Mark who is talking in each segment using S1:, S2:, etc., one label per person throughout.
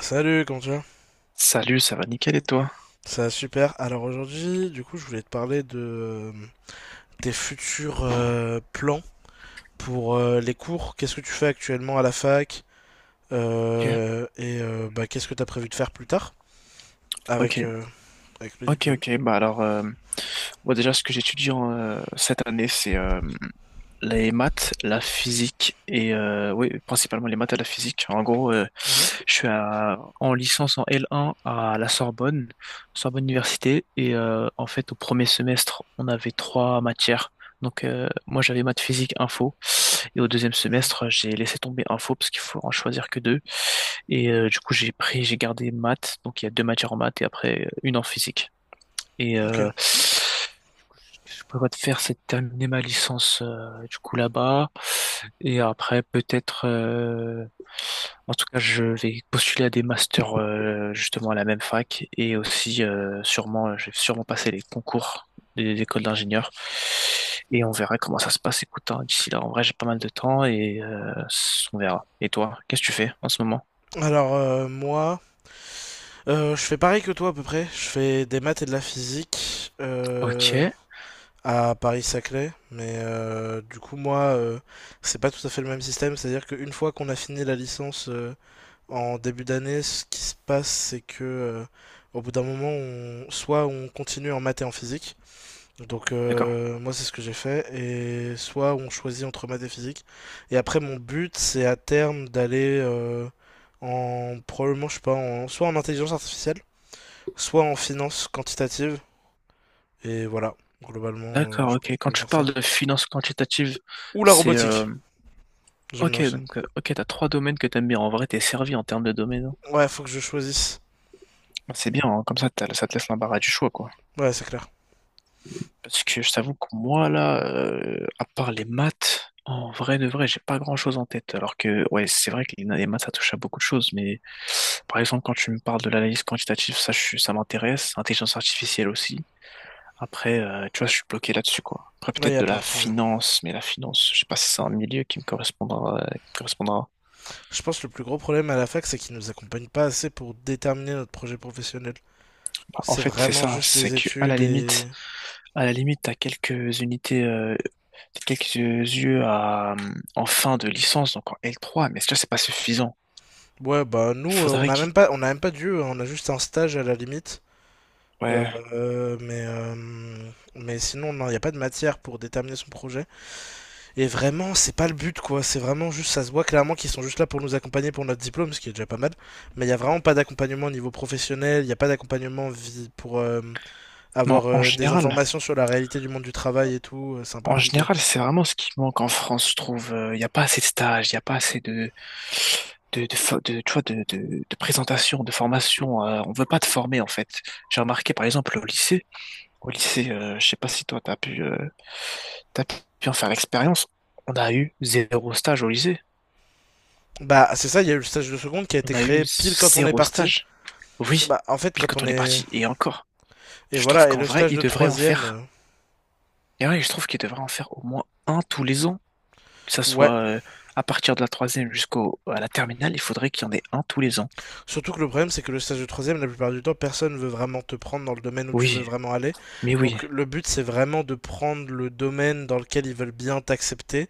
S1: Salut, comment tu vas?
S2: Salut, ça va nickel et toi?
S1: Ça va super. Alors aujourd'hui, du coup, je voulais te parler de euh, tes futurs plans pour les cours. Qu'est-ce que tu fais actuellement à la fac?
S2: Ok,
S1: Et bah, qu'est-ce que tu as prévu de faire plus tard
S2: ok,
S1: avec, euh, avec le
S2: ok,
S1: diplôme?
S2: ok. Bah alors, moi, déjà, ce que j'étudie cette année, c'est les maths, la physique et oui, principalement les maths et la physique. En gros,
S1: Mhm,
S2: je suis en licence en L1 à la Sorbonne, Sorbonne Université, et en fait, au premier semestre, on avait trois matières. Donc, moi, j'avais maths, physique, info, et au deuxième
S1: mhm.
S2: semestre, j'ai laissé tomber info parce qu'il faut en choisir que deux. Et du coup, j'ai gardé maths, donc il y a deux matières en maths et après une en physique. Et
S1: Ok.
S2: ce que je prévois de faire, c'est de terminer ma licence du coup là-bas. Et après, peut-être, en tout cas, je vais postuler à des masters justement à la même fac et aussi je vais sûrement passer les concours des écoles d'ingénieurs. Et on verra comment ça se passe. Écoute, hein, d'ici là, en vrai, j'ai pas mal de temps et on verra. Et toi, qu'est-ce que tu fais en ce moment?
S1: Alors moi, je fais pareil que toi à peu près. Je fais des maths et de la physique
S2: Ok,
S1: à Paris-Saclay. Mais du coup, moi, c'est pas tout à fait le même système. C'est-à-dire qu'une fois qu'on a fini la licence. En début d'année, ce qui se passe, c'est que au bout d'un moment, soit on continue en maths et en physique. Donc
S2: d'accord.
S1: moi, c'est ce que j'ai fait. Et soit on choisit entre maths et physique. Et après, mon but, c'est à terme d'aller en probablement, je sais pas, soit en intelligence artificielle, soit en finance quantitative. Et voilà, globalement,
S2: D'accord,
S1: je
S2: ok.
S1: pense que je
S2: Quand
S1: vais
S2: tu
S1: faire ça.
S2: parles de finances quantitatives,
S1: Ou la
S2: c'est
S1: robotique, j'aime bien
S2: ok,
S1: aussi.
S2: donc, ok, t'as trois domaines que t'aimes bien. En vrai, t'es servi en termes de domaine.
S1: Ouais, faut que je choisisse.
S2: C'est bien, hein. Comme ça, ça te laisse l'embarras du choix, quoi.
S1: Ouais, c'est clair.
S2: Parce que je t'avoue que moi, là, à part les maths, en vrai de vrai, j'ai pas grand-chose en tête. Alors que, ouais, c'est vrai que les maths, ça touche à beaucoup de choses. Mais, par exemple, quand tu me parles de l'analyse quantitative, ça, ça m'intéresse. Intelligence artificielle aussi. Après, tu vois, je suis bloqué là-dessus, quoi. Après,
S1: Ouais, il y
S2: peut-être
S1: a
S2: de
S1: plein
S2: la
S1: de sujets.
S2: finance, mais la finance, je sais pas si c'est un milieu qui me correspondra.
S1: Je pense que le plus gros problème à la fac, c'est qu'ils ne nous accompagnent pas assez pour déterminer notre projet professionnel.
S2: Bah, en
S1: C'est
S2: fait, c'est
S1: vraiment
S2: ça.
S1: juste
S2: C'est
S1: les
S2: que, à la
S1: études. Et...
S2: limite, À la limite, t'as quelques unités, t'as quelques yeux en fin de licence, donc en L3, mais ça, c'est pas suffisant.
S1: Ouais, bah nous, on
S2: Faudrait
S1: a
S2: qu'il...
S1: même pas, on a même pas d'UE, hein, on a juste un stage à la limite. Euh,
S2: Ouais.
S1: mais sinon, non, il n'y a pas de matière pour déterminer son projet. Et vraiment, c'est pas le but, quoi. C'est vraiment juste, ça se voit clairement qu'ils sont juste là pour nous accompagner pour notre diplôme, ce qui est déjà pas mal. Mais il n'y a vraiment pas d'accompagnement au niveau professionnel, il n'y a pas d'accompagnement pour
S2: Non,
S1: avoir
S2: en
S1: des
S2: général,
S1: informations sur la réalité du monde du travail et tout. C'est un peu
S2: en
S1: compliqué.
S2: général, c'est vraiment ce qui manque en France, je trouve. Il n'y a pas assez de stages, il n'y a pas assez de, tu vois, de présentation, de formation. On veut pas te former, en fait. J'ai remarqué, par exemple, au lycée, je sais pas si toi, t'as pu en faire l'expérience. On a eu zéro stage au lycée.
S1: Bah, c'est ça, il y a eu le stage de seconde qui a
S2: On
S1: été
S2: a
S1: créé
S2: eu
S1: pile quand on est
S2: zéro
S1: parti.
S2: stage. Oui,
S1: Bah, en fait,
S2: pile
S1: quand
S2: quand
S1: on
S2: on est
S1: est.
S2: parti, et encore.
S1: Et
S2: Je trouve
S1: voilà, et
S2: qu'en
S1: le
S2: vrai,
S1: stage
S2: il
S1: de
S2: devrait en
S1: troisième.
S2: faire. Et ouais, je trouve qu'il devrait en faire au moins un tous les ans. Que ça
S1: Ouais.
S2: soit à partir de la troisième jusqu'au à la terminale, il faudrait qu'il y en ait un tous les ans.
S1: Surtout que le problème, c'est que le stage de troisième, la plupart du temps, personne veut vraiment te prendre dans le domaine où tu veux
S2: Oui,
S1: vraiment aller.
S2: mais oui,
S1: Donc, le but, c'est vraiment de prendre le domaine dans lequel ils veulent bien t'accepter.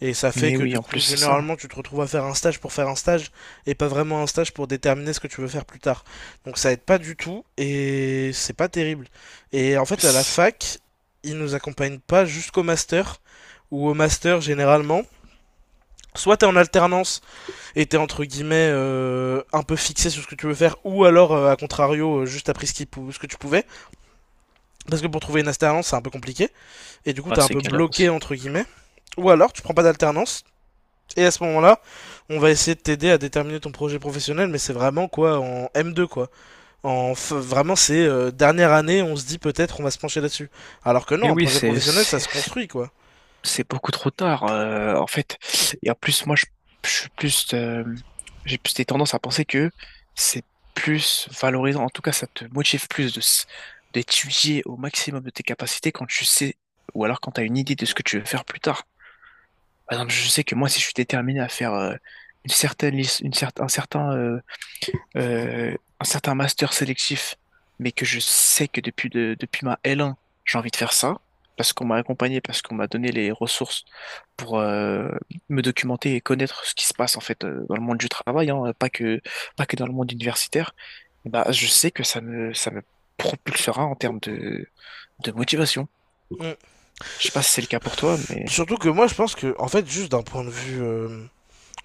S1: Et ça fait
S2: mais
S1: que
S2: oui,
S1: du
S2: en plus
S1: coup,
S2: c'est ça.
S1: généralement, tu te retrouves à faire un stage pour faire un stage et pas vraiment un stage pour déterminer ce que tu veux faire plus tard. Donc ça aide pas du tout et c'est pas terrible. Et en fait, à la
S2: C'est
S1: fac, ils nous accompagnent pas jusqu'au master ou au master généralement. Soit t'es en alternance et t'es entre guillemets un peu fixé sur ce que tu veux faire, ou alors à contrario juste t'as pris ce que tu pouvais, parce que pour trouver une alternance c'est un peu compliqué, et du coup
S2: ouais,
S1: t'es un
S2: c'est
S1: peu
S2: galère
S1: bloqué
S2: aussi.
S1: entre guillemets. Ou alors tu prends pas d'alternance, et à ce moment-là, on va essayer de t'aider à déterminer ton projet professionnel, mais c'est vraiment quoi en m deux quoi. Vraiment c'est dernière année, on se dit peut-être on va se pencher là-dessus. Alors que non,
S2: Mais
S1: un
S2: oui,
S1: projet
S2: c'est
S1: professionnel ça
S2: c'est-
S1: se construit quoi.
S2: c'est beaucoup trop tard, en fait. Et en plus, moi, je suis plus, j'ai plus des tendances à penser que c'est plus valorisant. En tout cas, ça te motive plus d'étudier au maximum de tes capacités quand tu sais, ou alors quand tu as une idée de ce que tu veux faire plus tard. Par exemple, je sais que moi, si je suis déterminé à faire une certaine, lic- une certaine, un certain master sélectif, mais que je sais que depuis ma L1, j'ai envie de faire ça, parce qu'on m'a accompagné, parce qu'on m'a donné les ressources pour me documenter et connaître ce qui se passe en fait dans le monde du travail, hein, pas que dans le monde universitaire, et bah, je sais que ça me propulsera en termes de motivation.
S1: Mm.
S2: Je sais pas si c'est le cas pour toi, mais
S1: Surtout que moi je pense que en fait juste d'un point de vue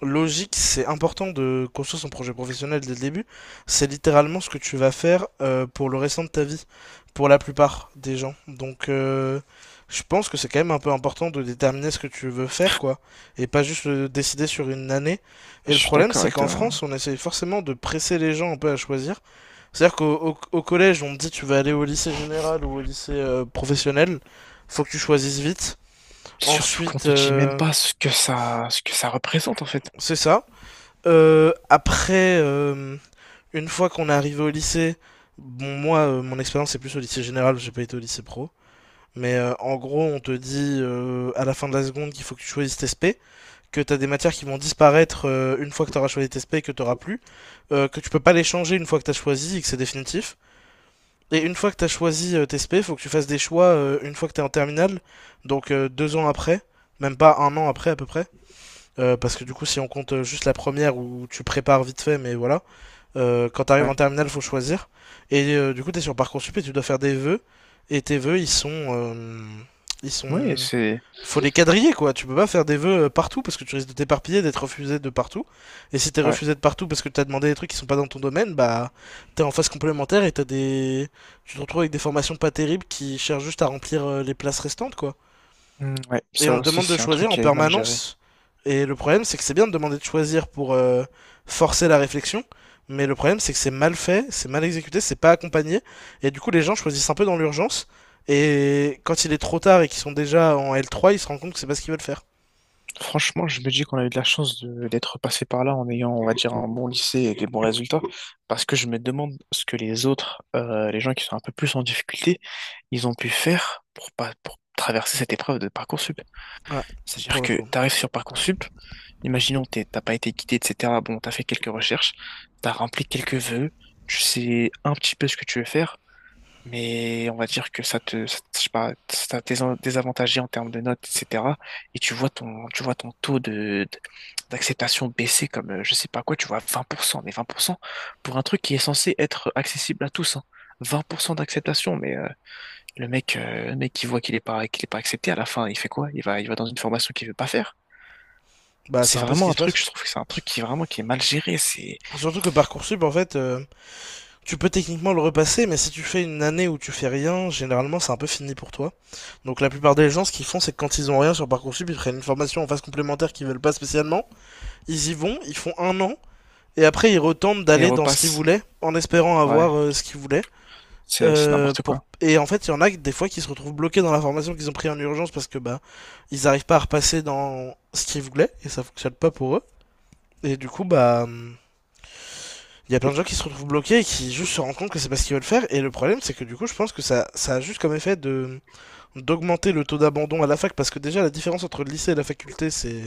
S1: logique, c'est important de construire son projet professionnel dès le début. C'est littéralement ce que tu vas faire pour le restant de ta vie, pour la plupart des gens. Donc, je pense que c'est quand même un peu important de déterminer ce que tu veux faire, quoi, et pas juste le décider sur une année. Et
S2: je
S1: le
S2: suis
S1: problème,
S2: d'accord
S1: c'est
S2: avec
S1: qu'en
S2: toi, hein.
S1: France, on essaye forcément de presser les gens un peu à choisir. C'est-à-dire qu'au au- au collège, on te dit tu vas aller au lycée général ou au lycée professionnel, faut que tu choisisses vite.
S2: Surtout qu'on
S1: Ensuite,
S2: te dit même pas ce que ça représente en fait.
S1: c'est ça. Après, une fois qu'on est arrivé au lycée, bon, moi, mon expérience c'est plus au lycée général, j'ai pas été au lycée pro. Mais en gros, on te dit à la fin de la seconde qu'il faut que tu choisisses tes SP, que t'as des matières qui vont disparaître une fois que t'auras choisi tes SP et que t'auras plus, que tu peux pas les changer une fois que t'as choisi et que c'est définitif. Et une fois que t'as choisi tes SP, faut que tu fasses des choix une fois que t'es en terminale, donc 2 ans après, même pas un an après à peu près, parce que du coup, si on compte juste la première où tu prépares vite fait, mais voilà, quand t'arrives en
S2: Ouais,
S1: terminale, faut choisir. Et du coup, t'es sur Parcoursup et tu dois faire des vœux. Et tes vœux, ils sont, euh, ils
S2: ouais,
S1: sont,
S2: c'est,
S1: faut les quadriller quoi. Tu peux pas faire des vœux partout parce que tu risques de t'éparpiller, d'être refusé de partout. Et si t'es
S2: ouais.
S1: refusé de partout parce que t'as demandé des trucs qui sont pas dans ton domaine, bah t'es en phase complémentaire et tu te retrouves avec des formations pas terribles qui cherchent juste à remplir les places restantes quoi
S2: Hmm, ouais,
S1: et
S2: ça
S1: on te
S2: aussi,
S1: demande de
S2: c'est un truc
S1: choisir en
S2: qui est mal géré.
S1: permanence. Et le problème, c'est que c'est bien de demander de choisir pour forcer la réflexion, mais le problème, c'est que c'est mal fait, c'est mal exécuté, c'est pas accompagné, et du coup, les gens choisissent un peu dans l'urgence, et quand il est trop tard et qu'ils sont déjà en L3, ils se rendent compte que c'est pas ce qu'ils veulent faire.
S2: Franchement, je me dis qu'on a eu de la chance d'être passé par là en ayant, on va dire, un bon lycée et des bons résultats, parce que je me demande ce que les autres, les gens qui sont un peu plus en difficulté, ils ont pu faire pour pas, pour traverser cette épreuve de Parcoursup.
S1: Voilà,
S2: C'est-à-dire
S1: pour le
S2: que
S1: coup.
S2: tu arrives sur Parcoursup, imaginons t'as pas été guidé, etc. Bon, t'as fait quelques recherches, t'as rempli quelques vœux, tu sais un petit peu ce que tu veux faire, mais on va dire que je sais pas, ça t'a désavantagé en termes de notes, etc. Et tu vois ton taux d'acceptation baisser comme, je sais pas quoi, tu vois, 20%, mais 20% pour cent pour un truc qui est censé être accessible à tous, hein. 20% d'acceptation, mais le mec qui voit qu'il est pas accepté, à la fin, il fait quoi? Il va dans une formation qu'il veut pas faire.
S1: Bah,
S2: C'est
S1: c'est un peu ce
S2: vraiment
S1: qui
S2: un
S1: se
S2: truc,
S1: passe.
S2: je trouve que c'est un truc qui est vraiment qui est mal géré, c'est,
S1: Surtout que Parcoursup, en fait, tu peux techniquement le repasser, mais si tu fais une année où tu fais rien, généralement c'est un peu fini pour toi. Donc la plupart des gens, ce qu'ils font, c'est que quand ils ont rien sur Parcoursup, ils prennent une formation en phase complémentaire qu'ils veulent pas spécialement. Ils y vont, ils font un an, et après ils retentent
S2: et il
S1: d'aller dans ce qu'ils
S2: repasse.
S1: voulaient, en espérant
S2: Ouais,
S1: avoir ce qu'ils voulaient.
S2: c'est n'importe quoi.
S1: Et en fait, il y en a des fois qui se retrouvent bloqués dans la formation qu'ils ont pris en urgence parce que bah ils arrivent pas à repasser dans ce qu'ils voulaient, et ça fonctionne pas pour eux. Et du coup, bah il y a plein de gens qui se retrouvent bloqués et qui juste se rendent compte que c'est pas ce qu'ils veulent faire. Et le problème, c'est que du coup, je pense que ça a juste comme effet de d'augmenter le taux d'abandon à la fac parce que déjà la différence entre le lycée et la faculté, c'est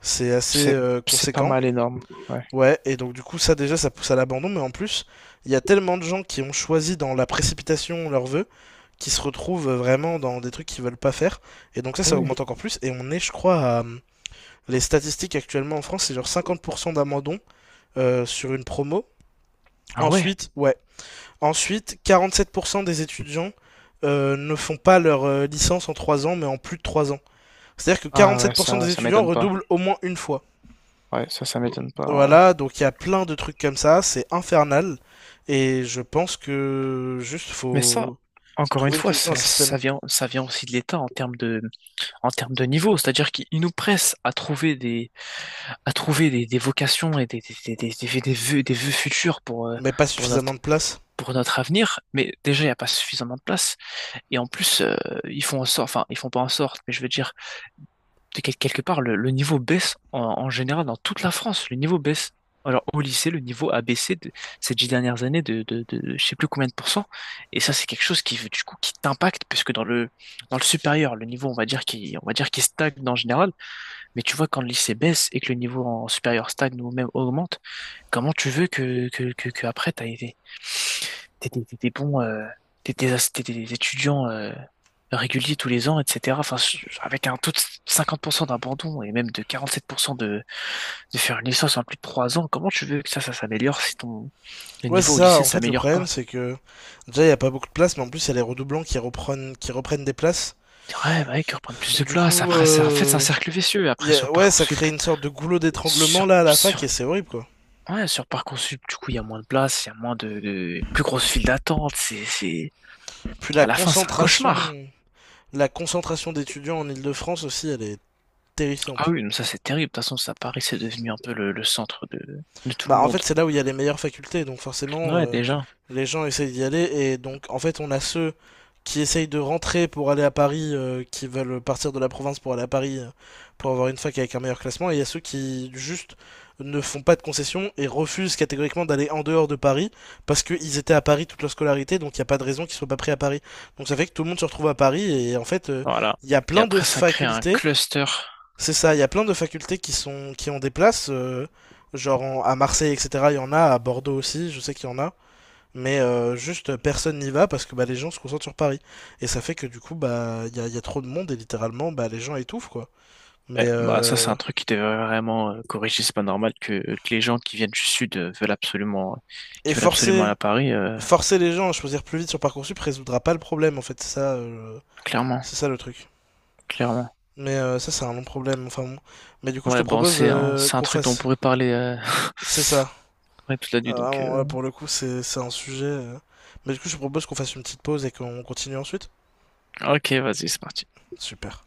S1: c'est assez
S2: C'est, c'est pas
S1: conséquent.
S2: mal énorme. Ouais.
S1: Ouais, et donc du coup, ça déjà, ça pousse à l'abandon. Mais en plus, il y a tellement de gens qui ont choisi dans la précipitation leurs vœux qui se retrouvent vraiment dans des trucs qu'ils veulent pas faire. Et donc ça,
S2: Mais
S1: ça
S2: oui.
S1: augmente encore plus. Et on est, je crois, à. Les statistiques actuellement en France, c'est genre 50% d'abandon sur une promo.
S2: Ah ouais.
S1: Ensuite, ouais, 47% des étudiants ne font pas leur licence en 3 ans, mais en plus de 3 ans. C'est-à-dire que
S2: Ah ouais,
S1: 47%
S2: ça,
S1: des
S2: ça
S1: étudiants
S2: m'étonne pas.
S1: redoublent au moins une fois.
S2: Ouais, ça m'étonne pas, en vrai.
S1: Voilà, donc il y a plein de trucs comme ça, c'est infernal. Et je pense que juste
S2: Mais ça,
S1: faut
S2: encore une
S1: trouver une
S2: fois,
S1: solution à
S2: ça,
S1: ce système.
S2: ça vient aussi de l'État en termes de niveau. C'est-à-dire qu'il nous presse à trouver des vocations et des vœux futurs
S1: Mais pas
S2: pour
S1: suffisamment
S2: notre,
S1: de place.
S2: pour notre avenir, mais déjà il n'y a pas suffisamment de place. Et en plus, ils font en sorte, enfin ils font pas en sorte, mais je veux dire, de quelque part, le niveau baisse en général dans toute la France. Le niveau baisse. Alors au lycée, le niveau a baissé de, ces 10 dernières années de je sais plus combien de pourcents. Et ça, c'est quelque chose qui du coup qui t'impacte, puisque dans le supérieur, le niveau on va dire qui stagne en général. Mais tu vois quand le lycée baisse et que le niveau en supérieur stagne ou même augmente, comment tu veux que après t'étais bon, t'étais étudiant réguliers tous les ans, etc. Enfin, avec un taux de 50% d'abandon et même de 47% de faire une licence en plus de 3 ans, comment tu veux que ça s'améliore si ton le
S1: Ouais, c'est
S2: niveau au
S1: ça.
S2: lycée
S1: En
S2: ne
S1: fait, le
S2: s'améliore
S1: problème,
S2: pas?
S1: c'est que déjà, il n'y a pas beaucoup de place, mais en plus, il y a les redoublants qui reprennent des places.
S2: Dire, ouais, bah, qu'ils reprennent plus de
S1: Du
S2: place.
S1: coup,
S2: Après, c'est en fait, c'est un cercle vicieux. Après, sur
S1: ouais, ça
S2: Parcoursup,
S1: crée une sorte de goulot d'étranglement
S2: sur,
S1: là à la fac
S2: sur,
S1: et c'est horrible quoi.
S2: ouais, sur Parcoursup, du coup, il y a moins de place, il y a moins de plus grosse file d'attente.
S1: Puis la
S2: À la fin, c'est un cauchemar.
S1: concentration, la concentration d'étudiants en Île de France aussi, elle est
S2: Ah
S1: terrifiante.
S2: oui, mais ça c'est terrible. De toute façon, ça, Paris, c'est devenu un peu le centre de tout le
S1: Bah, en
S2: monde.
S1: fait, c'est là où il y a les meilleures facultés, donc forcément,
S2: Ouais, déjà.
S1: les gens essayent d'y aller, et donc, en fait, on a ceux qui essayent de rentrer pour aller à Paris, qui veulent partir de la province pour aller à Paris, pour avoir une fac avec un meilleur classement, et il y a ceux qui, juste, ne font pas de concessions et refusent catégoriquement d'aller en dehors de Paris, parce qu'ils étaient à Paris toute leur scolarité, donc il n'y a pas de raison qu'ils soient pas pris à Paris. Donc ça fait que tout le monde se retrouve à Paris, et en fait,
S2: Voilà.
S1: il y a
S2: Et
S1: plein de
S2: après, ça crée un
S1: facultés
S2: cluster.
S1: c'est ça, il y a plein de facultés qui ont des places, genre à Marseille, etc. Il y en a, à Bordeaux aussi, je sais qu'il y en a, mais juste personne n'y va parce que bah, les gens se concentrent sur Paris. Et ça fait que du coup, bah il y a trop de monde et littéralement, bah les gens étouffent quoi.
S2: Ouais,
S1: Mais
S2: bah ça, c'est un truc qui devrait vraiment corriger. C'est pas normal que les gens qui viennent du sud
S1: et
S2: veulent absolument
S1: forcer
S2: aller à Paris.
S1: forcer les gens à choisir plus vite sur Parcoursup résoudra pas le problème en fait,
S2: Clairement,
S1: c'est ça le truc.
S2: clairement.
S1: Mais ça c'est un long problème. Enfin bon. Mais du coup, je te
S2: Ouais, bon,
S1: propose
S2: c'est un, c'est un
S1: qu'on
S2: truc dont on
S1: fasse.
S2: pourrait parler
S1: C'est ça.
S2: ouais, toute la
S1: Ah,
S2: nuit. Donc,
S1: vraiment, ouais, pour le coup, c'est un sujet. Mais du coup, je propose qu'on fasse une petite pause et qu'on continue ensuite.
S2: ok, vas-y, c'est parti.
S1: Super.